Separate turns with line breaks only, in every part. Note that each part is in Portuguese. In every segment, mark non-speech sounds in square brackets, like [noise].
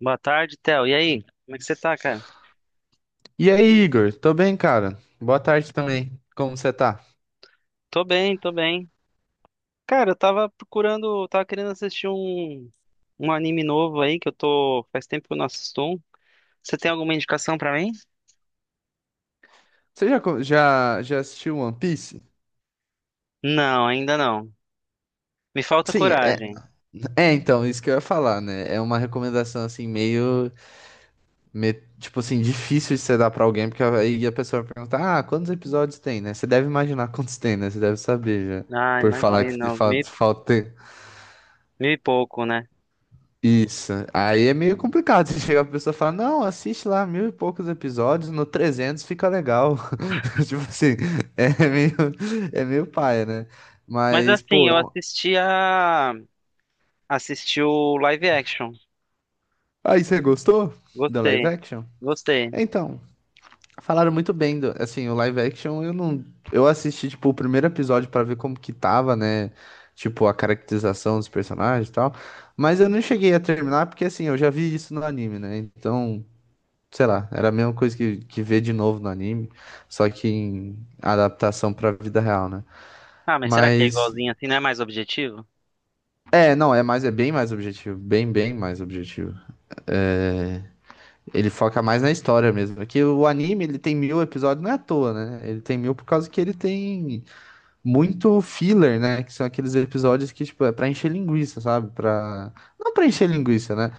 Boa tarde, Theo. E aí? Como é que você tá, cara?
E aí, Igor? Tô bem, cara. Boa tarde também. Como você tá?
Tô bem, tô bem. Cara, eu tava querendo assistir um anime novo aí que eu tô. Faz tempo que eu não assisto um. Você tem alguma indicação pra mim?
Você já assistiu One Piece?
Não, ainda não. Me falta
Sim, é,
coragem.
é então, isso que eu ia falar, né? É uma recomendação assim, meio, me- tipo assim, difícil de você dar pra alguém, porque aí a pessoa vai perguntar, ah, quantos episódios tem, né? Você deve imaginar [laughs] quantos tem, né? Você deve saber já,
Ah,
por falar que
imagina, uns mil,
falta, falta.
pouco, né?
Isso. Aí é meio complicado. Você chega pra pessoa e fala, não, assiste lá mil e poucos episódios, no 300 fica legal. [laughs] Tipo assim, é meio, é meio paia, né?
Mas
Mas,
assim,
pô, é
eu
um.
assisti a. Assisti o live action.
Aí você gostou do live
Gostei,
action?
gostei.
Então, falaram muito bem do, assim, o live action eu não, eu assisti, tipo, o primeiro episódio pra ver como que tava, né? Tipo, a caracterização dos personagens e tal. Mas eu não cheguei a terminar porque, assim, eu já vi isso no anime, né? Então. Sei lá, era a mesma coisa que ver de novo no anime, só que em adaptação pra vida real, né?
Ah, mas será que é
Mas,
igualzinho assim? Não é mais objetivo?
é, não, é mais, é bem mais objetivo, bem mais objetivo. É, ele foca mais na história mesmo, porque o anime, ele tem 1.000 episódios, não é à toa, né? Ele tem mil por causa que ele tem muito filler, né? Que são aqueles episódios que, tipo, é pra encher linguiça, sabe? Pra. Não pra encher linguiça, né?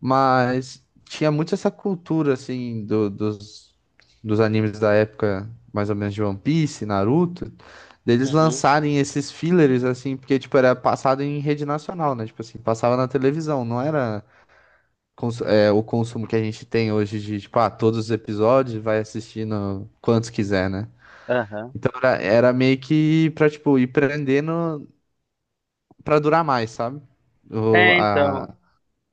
Mas tinha muito essa cultura, assim, dos animes da época, mais ou menos de One Piece, Naruto, deles
Uhum.
lançarem esses fillers, assim, porque, tipo, era passado em rede nacional, né? Tipo assim, passava na televisão, não era o consumo que a gente tem hoje de, tipo, ah, todos os episódios, vai assistindo quantos quiser, né?
Aham.
Então era meio que pra, tipo, ir prendendo pra durar mais, sabe? O,
É, então.
a,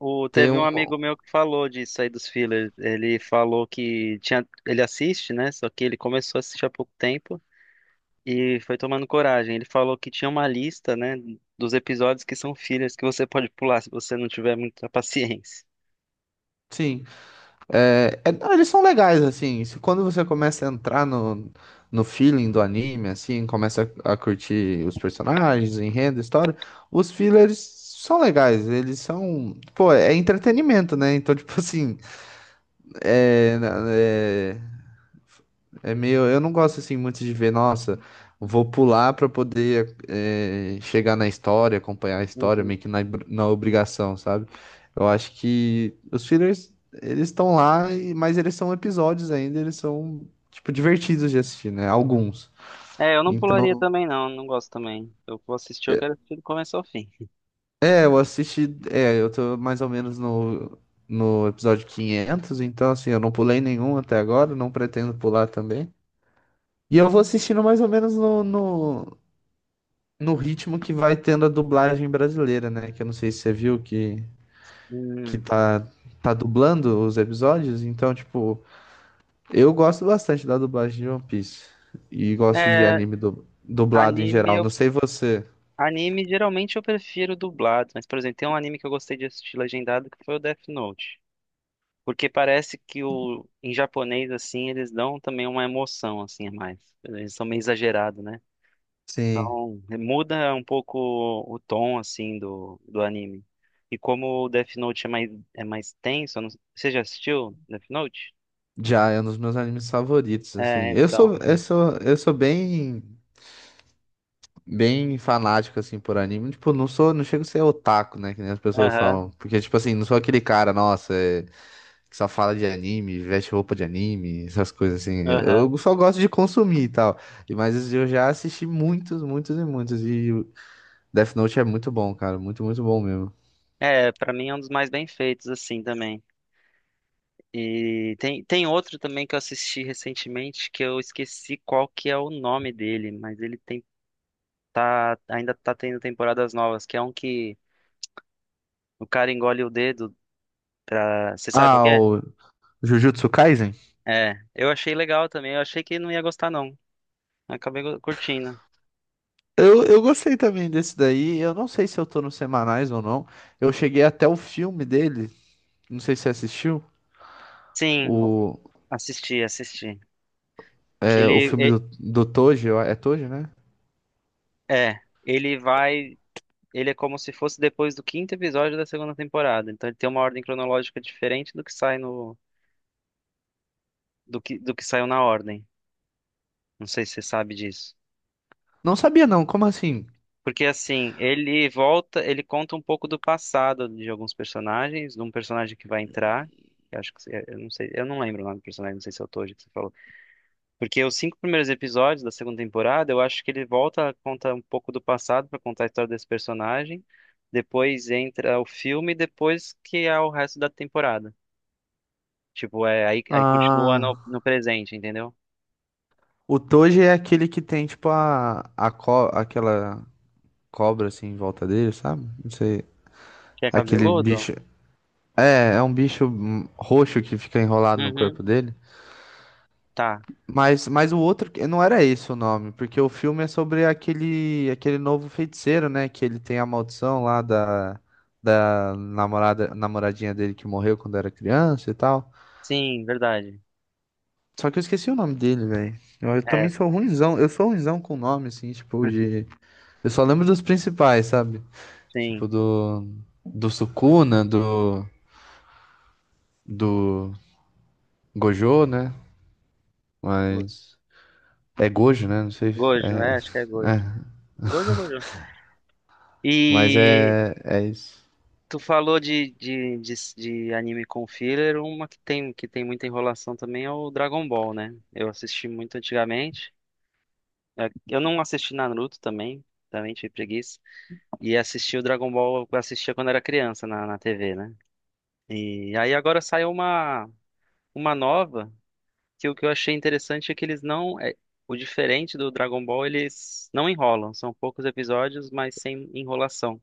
O,
ter
teve
um.
um amigo meu que falou disso aí dos fillers. Ele falou que tinha, ele assiste, né? Só que ele começou a assistir há pouco tempo e foi tomando coragem. Ele falou que tinha uma lista, né, dos episódios que são fillers que você pode pular se você não tiver muita [laughs] paciência.
Sim. É, não, eles são legais, assim. Se, Quando você começa a entrar no feeling do anime, assim, começa a curtir os personagens, o enredo, a história, os fillers são legais. Eles são. Pô, é entretenimento, né? Então, [laughs] tipo assim. É, é meio, eu não gosto assim muito de ver, nossa, vou pular pra poder chegar na história, acompanhar a história,
Uhum.
meio que na obrigação, sabe? Eu acho que os fillers, eles estão lá, mas eles são episódios ainda, eles são, tipo, divertidos de assistir, né? Alguns.
É, eu não pularia
Então,
também, não. Não gosto também. Eu vou assistir, eu quero assistir do começo ao fim.
é, eu assisti, é, eu tô mais ou menos no episódio 500 então assim, eu não pulei nenhum até agora, não pretendo pular também. E eu vou assistindo mais ou menos no ritmo que vai tendo a dublagem brasileira, né? Que eu não sei se você viu que
Hum.
tá dublando os episódios. Então, tipo, eu gosto bastante da dublagem de One Piece. E gosto de
É,
anime dublado em
anime,
geral. Não
eu,
sei você.
anime geralmente eu prefiro dublado, mas, por exemplo, tem um anime que eu gostei de assistir legendado que foi o Death Note. Porque parece que o em japonês assim eles dão também uma emoção assim a mais. Eles são meio exagerados, né?
Sim.
Então, é, muda um pouco o tom assim do anime. E como o Death Note é mais tenso, eu não- você já assistiu Death Note?
Já é um dos meus animes favoritos, assim.
É,
Eu
então.
sou, eu sou, eu sou bem fanático, assim, por anime. Tipo, não sou, não chego a ser otaku, né? Que nem as pessoas
Aham,
falam. Porque, tipo assim, não sou aquele cara, nossa, é que só fala de anime, veste roupa de anime, essas coisas assim. Eu
aham.
só gosto de consumir e tal. Mas eu já assisti muitos, muitos e muitos. E o Death Note é muito bom, cara. Muito, muito bom mesmo.
É, pra mim é um dos mais bem feitos assim também. E tem outro também que eu assisti recentemente que eu esqueci qual que é o nome dele, mas ele tem tá, ainda tá tendo temporadas novas, que é um que o cara engole o dedo pra. Você sabe qual
Ah,
que é?
o Jujutsu Kaisen?
É, eu achei legal também, eu achei que não ia gostar, não. Curtindo.
Eu gostei também desse daí. Eu não sei se eu tô nos semanais ou não. Eu cheguei até o filme dele. Não sei se você assistiu.
Sim, o-
O,
Assisti, assisti. Que
o
ele
filme
e-
do Toji. É Toji, né?
É, ele vai. Ele é como se fosse depois do quinto episódio da segunda temporada. Então ele tem uma ordem cronológica diferente do que sai no. Do que saiu na ordem. Não sei se você sabe disso.
Não sabia não. Como assim?
Porque assim, ele volta, ele conta um pouco do passado de alguns personagens, de um personagem que vai entrar. Eu acho que eu não sei, eu não lembro o nome do personagem, não sei se é o Toji que você falou. Porque os cinco primeiros episódios da segunda temporada, eu acho que ele volta, conta um pouco do passado para contar a história desse personagem. Depois entra o filme, e depois que é o resto da temporada. Tipo, é aí, aí continua no,
Ah.
no presente, entendeu?
O Toji é aquele que tem, tipo, aquela cobra, assim, em volta dele, sabe? Não sei.
Que é
Aquele
cabeludo?
bicho. É, é um bicho roxo que fica enrolado no corpo
Uhum.
dele.
Tá.
Mas o outro, não era esse o nome, porque o filme é sobre aquele novo feiticeiro, né? Que ele tem a maldição lá da namorada, namoradinha dele que morreu quando era criança e tal.
Sim, verdade.
Só que eu esqueci o nome dele, velho. Eu também
É,
sou ruinzão, eu sou ruinzão com nome, assim, tipo, de. Eu só lembro dos principais, sabe?
sim.
Tipo do. Do Sukuna, do. Do Gojo, né?
Go-
Mas. É Gojo, né? Não sei.
Gojo, é, acho que é
É.
Gojo.
é.
Gojo, Gojo.
Mas
E
é. É isso.
tu falou de anime com filler, uma que tem muita enrolação também é o Dragon Ball, né? Eu assisti muito antigamente. É, eu não assisti Naruto também, também tive preguiça. E assisti o Dragon Ball, eu assistia quando era criança na TV, né? E aí agora saiu uma nova, que o que eu achei interessante é que eles não. É, o diferente do Dragon Ball, eles não enrolam. São poucos episódios, mas sem enrolação.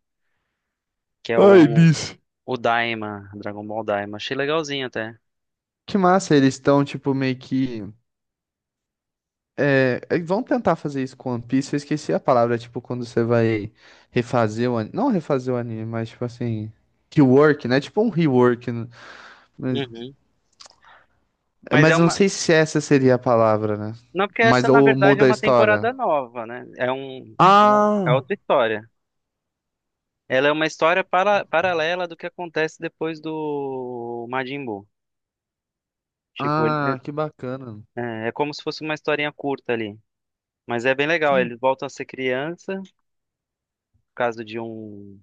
Que é
Ai,
o
eles.
O Daima, Dragon Ball Daima. Achei legalzinho até.
Que massa, eles estão, tipo, meio que. É, vão tentar fazer isso com One Piece. Eu esqueci a palavra, tipo, quando você vai refazer o anime. Não refazer o anime, mas, tipo assim. Rework, né? Tipo um rework, né? Mas,
Uhum.
é,
Mas é
mas eu não
uma.
sei se essa seria a palavra, né?
Não, porque
Mas
essa, na
ou
verdade, é
muda a
uma
história.
temporada nova, né? É um. É um, é
Ah.
outra história. Ela é uma história para... paralela do que acontece depois do Majin Buu. Tipo, ele-
Ah, que bacana.
é... é é como se fosse uma historinha curta ali. Mas é bem legal.
Tem-
Eles voltam a ser criança, por causa de um.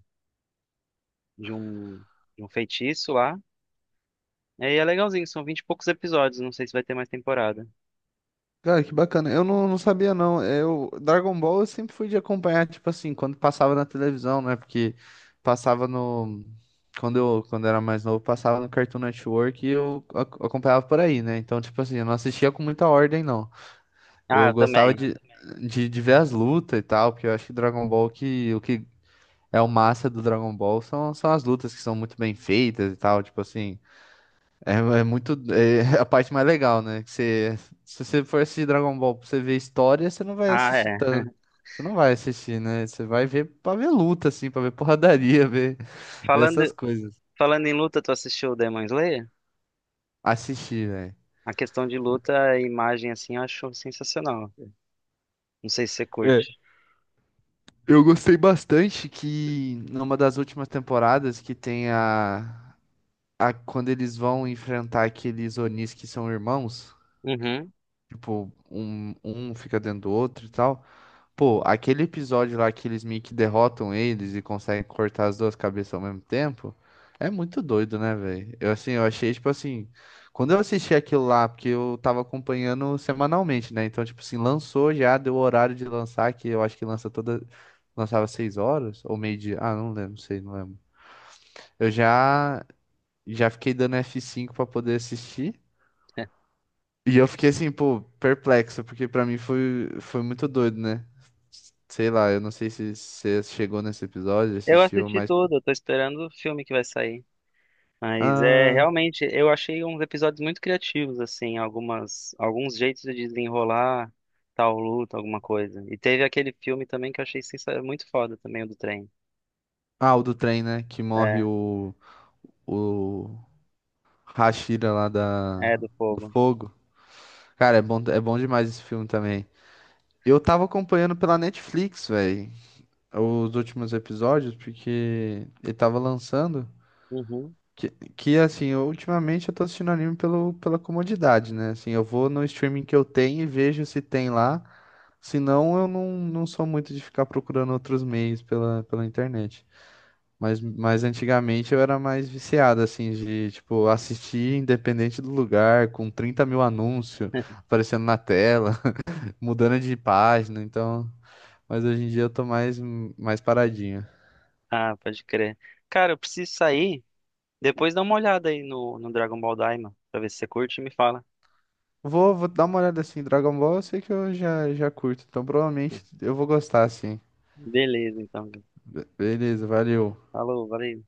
De um. De um feitiço lá. E aí é legalzinho, são vinte e poucos episódios. Não sei se vai ter mais temporada.
Cara, que bacana. Eu não, não sabia, não. Dragon Ball eu sempre fui de acompanhar, tipo assim, quando passava na televisão, né? Porque passava no. Quando eu era mais novo, passava no Cartoon Network e eu acompanhava por aí, né? Então, tipo assim, eu não assistia com muita ordem, não.
Ah,
Eu
eu
gostava
também.
de ver as lutas e tal, porque eu acho que Dragon Ball que. O que é o massa do Dragon Ball são as lutas que são muito bem feitas e tal, tipo assim. É, é muito. É [laughs] a parte mais legal, né? Que você, se você for assistir Dragon Ball pra você ver história, você não vai
Ah,
assistir
é.
tanto. Você não vai assistir, né? Você vai ver pra ver luta, assim, pra ver [laughs] porradaria, ver, essas
Falando.
coisas.
Falando em luta, tu assistiu o Demon Slayer?
Assistir, velho.
A questão de luta, a imagem assim, eu acho sensacional. Não sei se você curte.
É, eu gostei bastante que numa das últimas temporadas que tem a quando eles vão enfrentar aqueles Onis que são irmãos,
Uhum.
tipo, um fica dentro do outro e tal. Pô, aquele episódio lá que eles meio que derrotam eles e conseguem cortar as duas cabeças ao mesmo tempo, é muito doido, né, velho? Eu assim, eu achei tipo assim, quando eu assisti aquilo lá, porque eu tava acompanhando semanalmente, né? Então, tipo assim, lançou já, deu o horário de lançar, que eu acho que lança toda, lançava 6h ou meio-dia, ah, não lembro, não sei, não lembro. Eu já fiquei dando F5 pra poder assistir.
[laughs]
E eu fiquei assim, pô, perplexo, porque pra mim foi muito doido, né? Sei lá, eu não sei se você chegou nesse episódio,
Eu
assistiu,
assisti
mas.
tudo, eu tô esperando o filme que vai sair. Mas é
Ah,
realmente, eu achei uns episódios muito criativos, assim, algumas, alguns jeitos de desenrolar tal luta, alguma coisa. E teve aquele filme também que eu achei sensa- muito foda também, o do trem.
ah, o do trem, né? Que morre
É,
o Hashira lá da,
é do
do
fogo.
fogo. Cara, é bom demais esse filme também. Eu tava acompanhando pela Netflix, velho, os últimos episódios, porque ele tava lançando.
Uhum.
Que, que assim, eu, ultimamente eu tô assistindo anime pelo, pela comodidade, né? Assim, eu vou no streaming que eu tenho e vejo se tem lá. Se não, eu não, não sou muito de ficar procurando outros meios pela, internet. Mas antigamente eu era mais viciado, assim, de, tipo, assistir independente do lugar, com 30.000 anúncios
[laughs]
aparecendo na tela, [laughs] mudando de página, então. Mas hoje em dia eu tô mais, mais paradinho.
Ah, pode crer. Cara, eu preciso sair. Depois dá uma olhada aí no Dragon Ball Daima, pra ver se você curte e me fala.
Vou dar uma olhada assim. Dragon Ball eu sei que eu já curto, então provavelmente eu vou gostar assim.
Beleza, então.
Beleza, valeu.
Falou, valeu.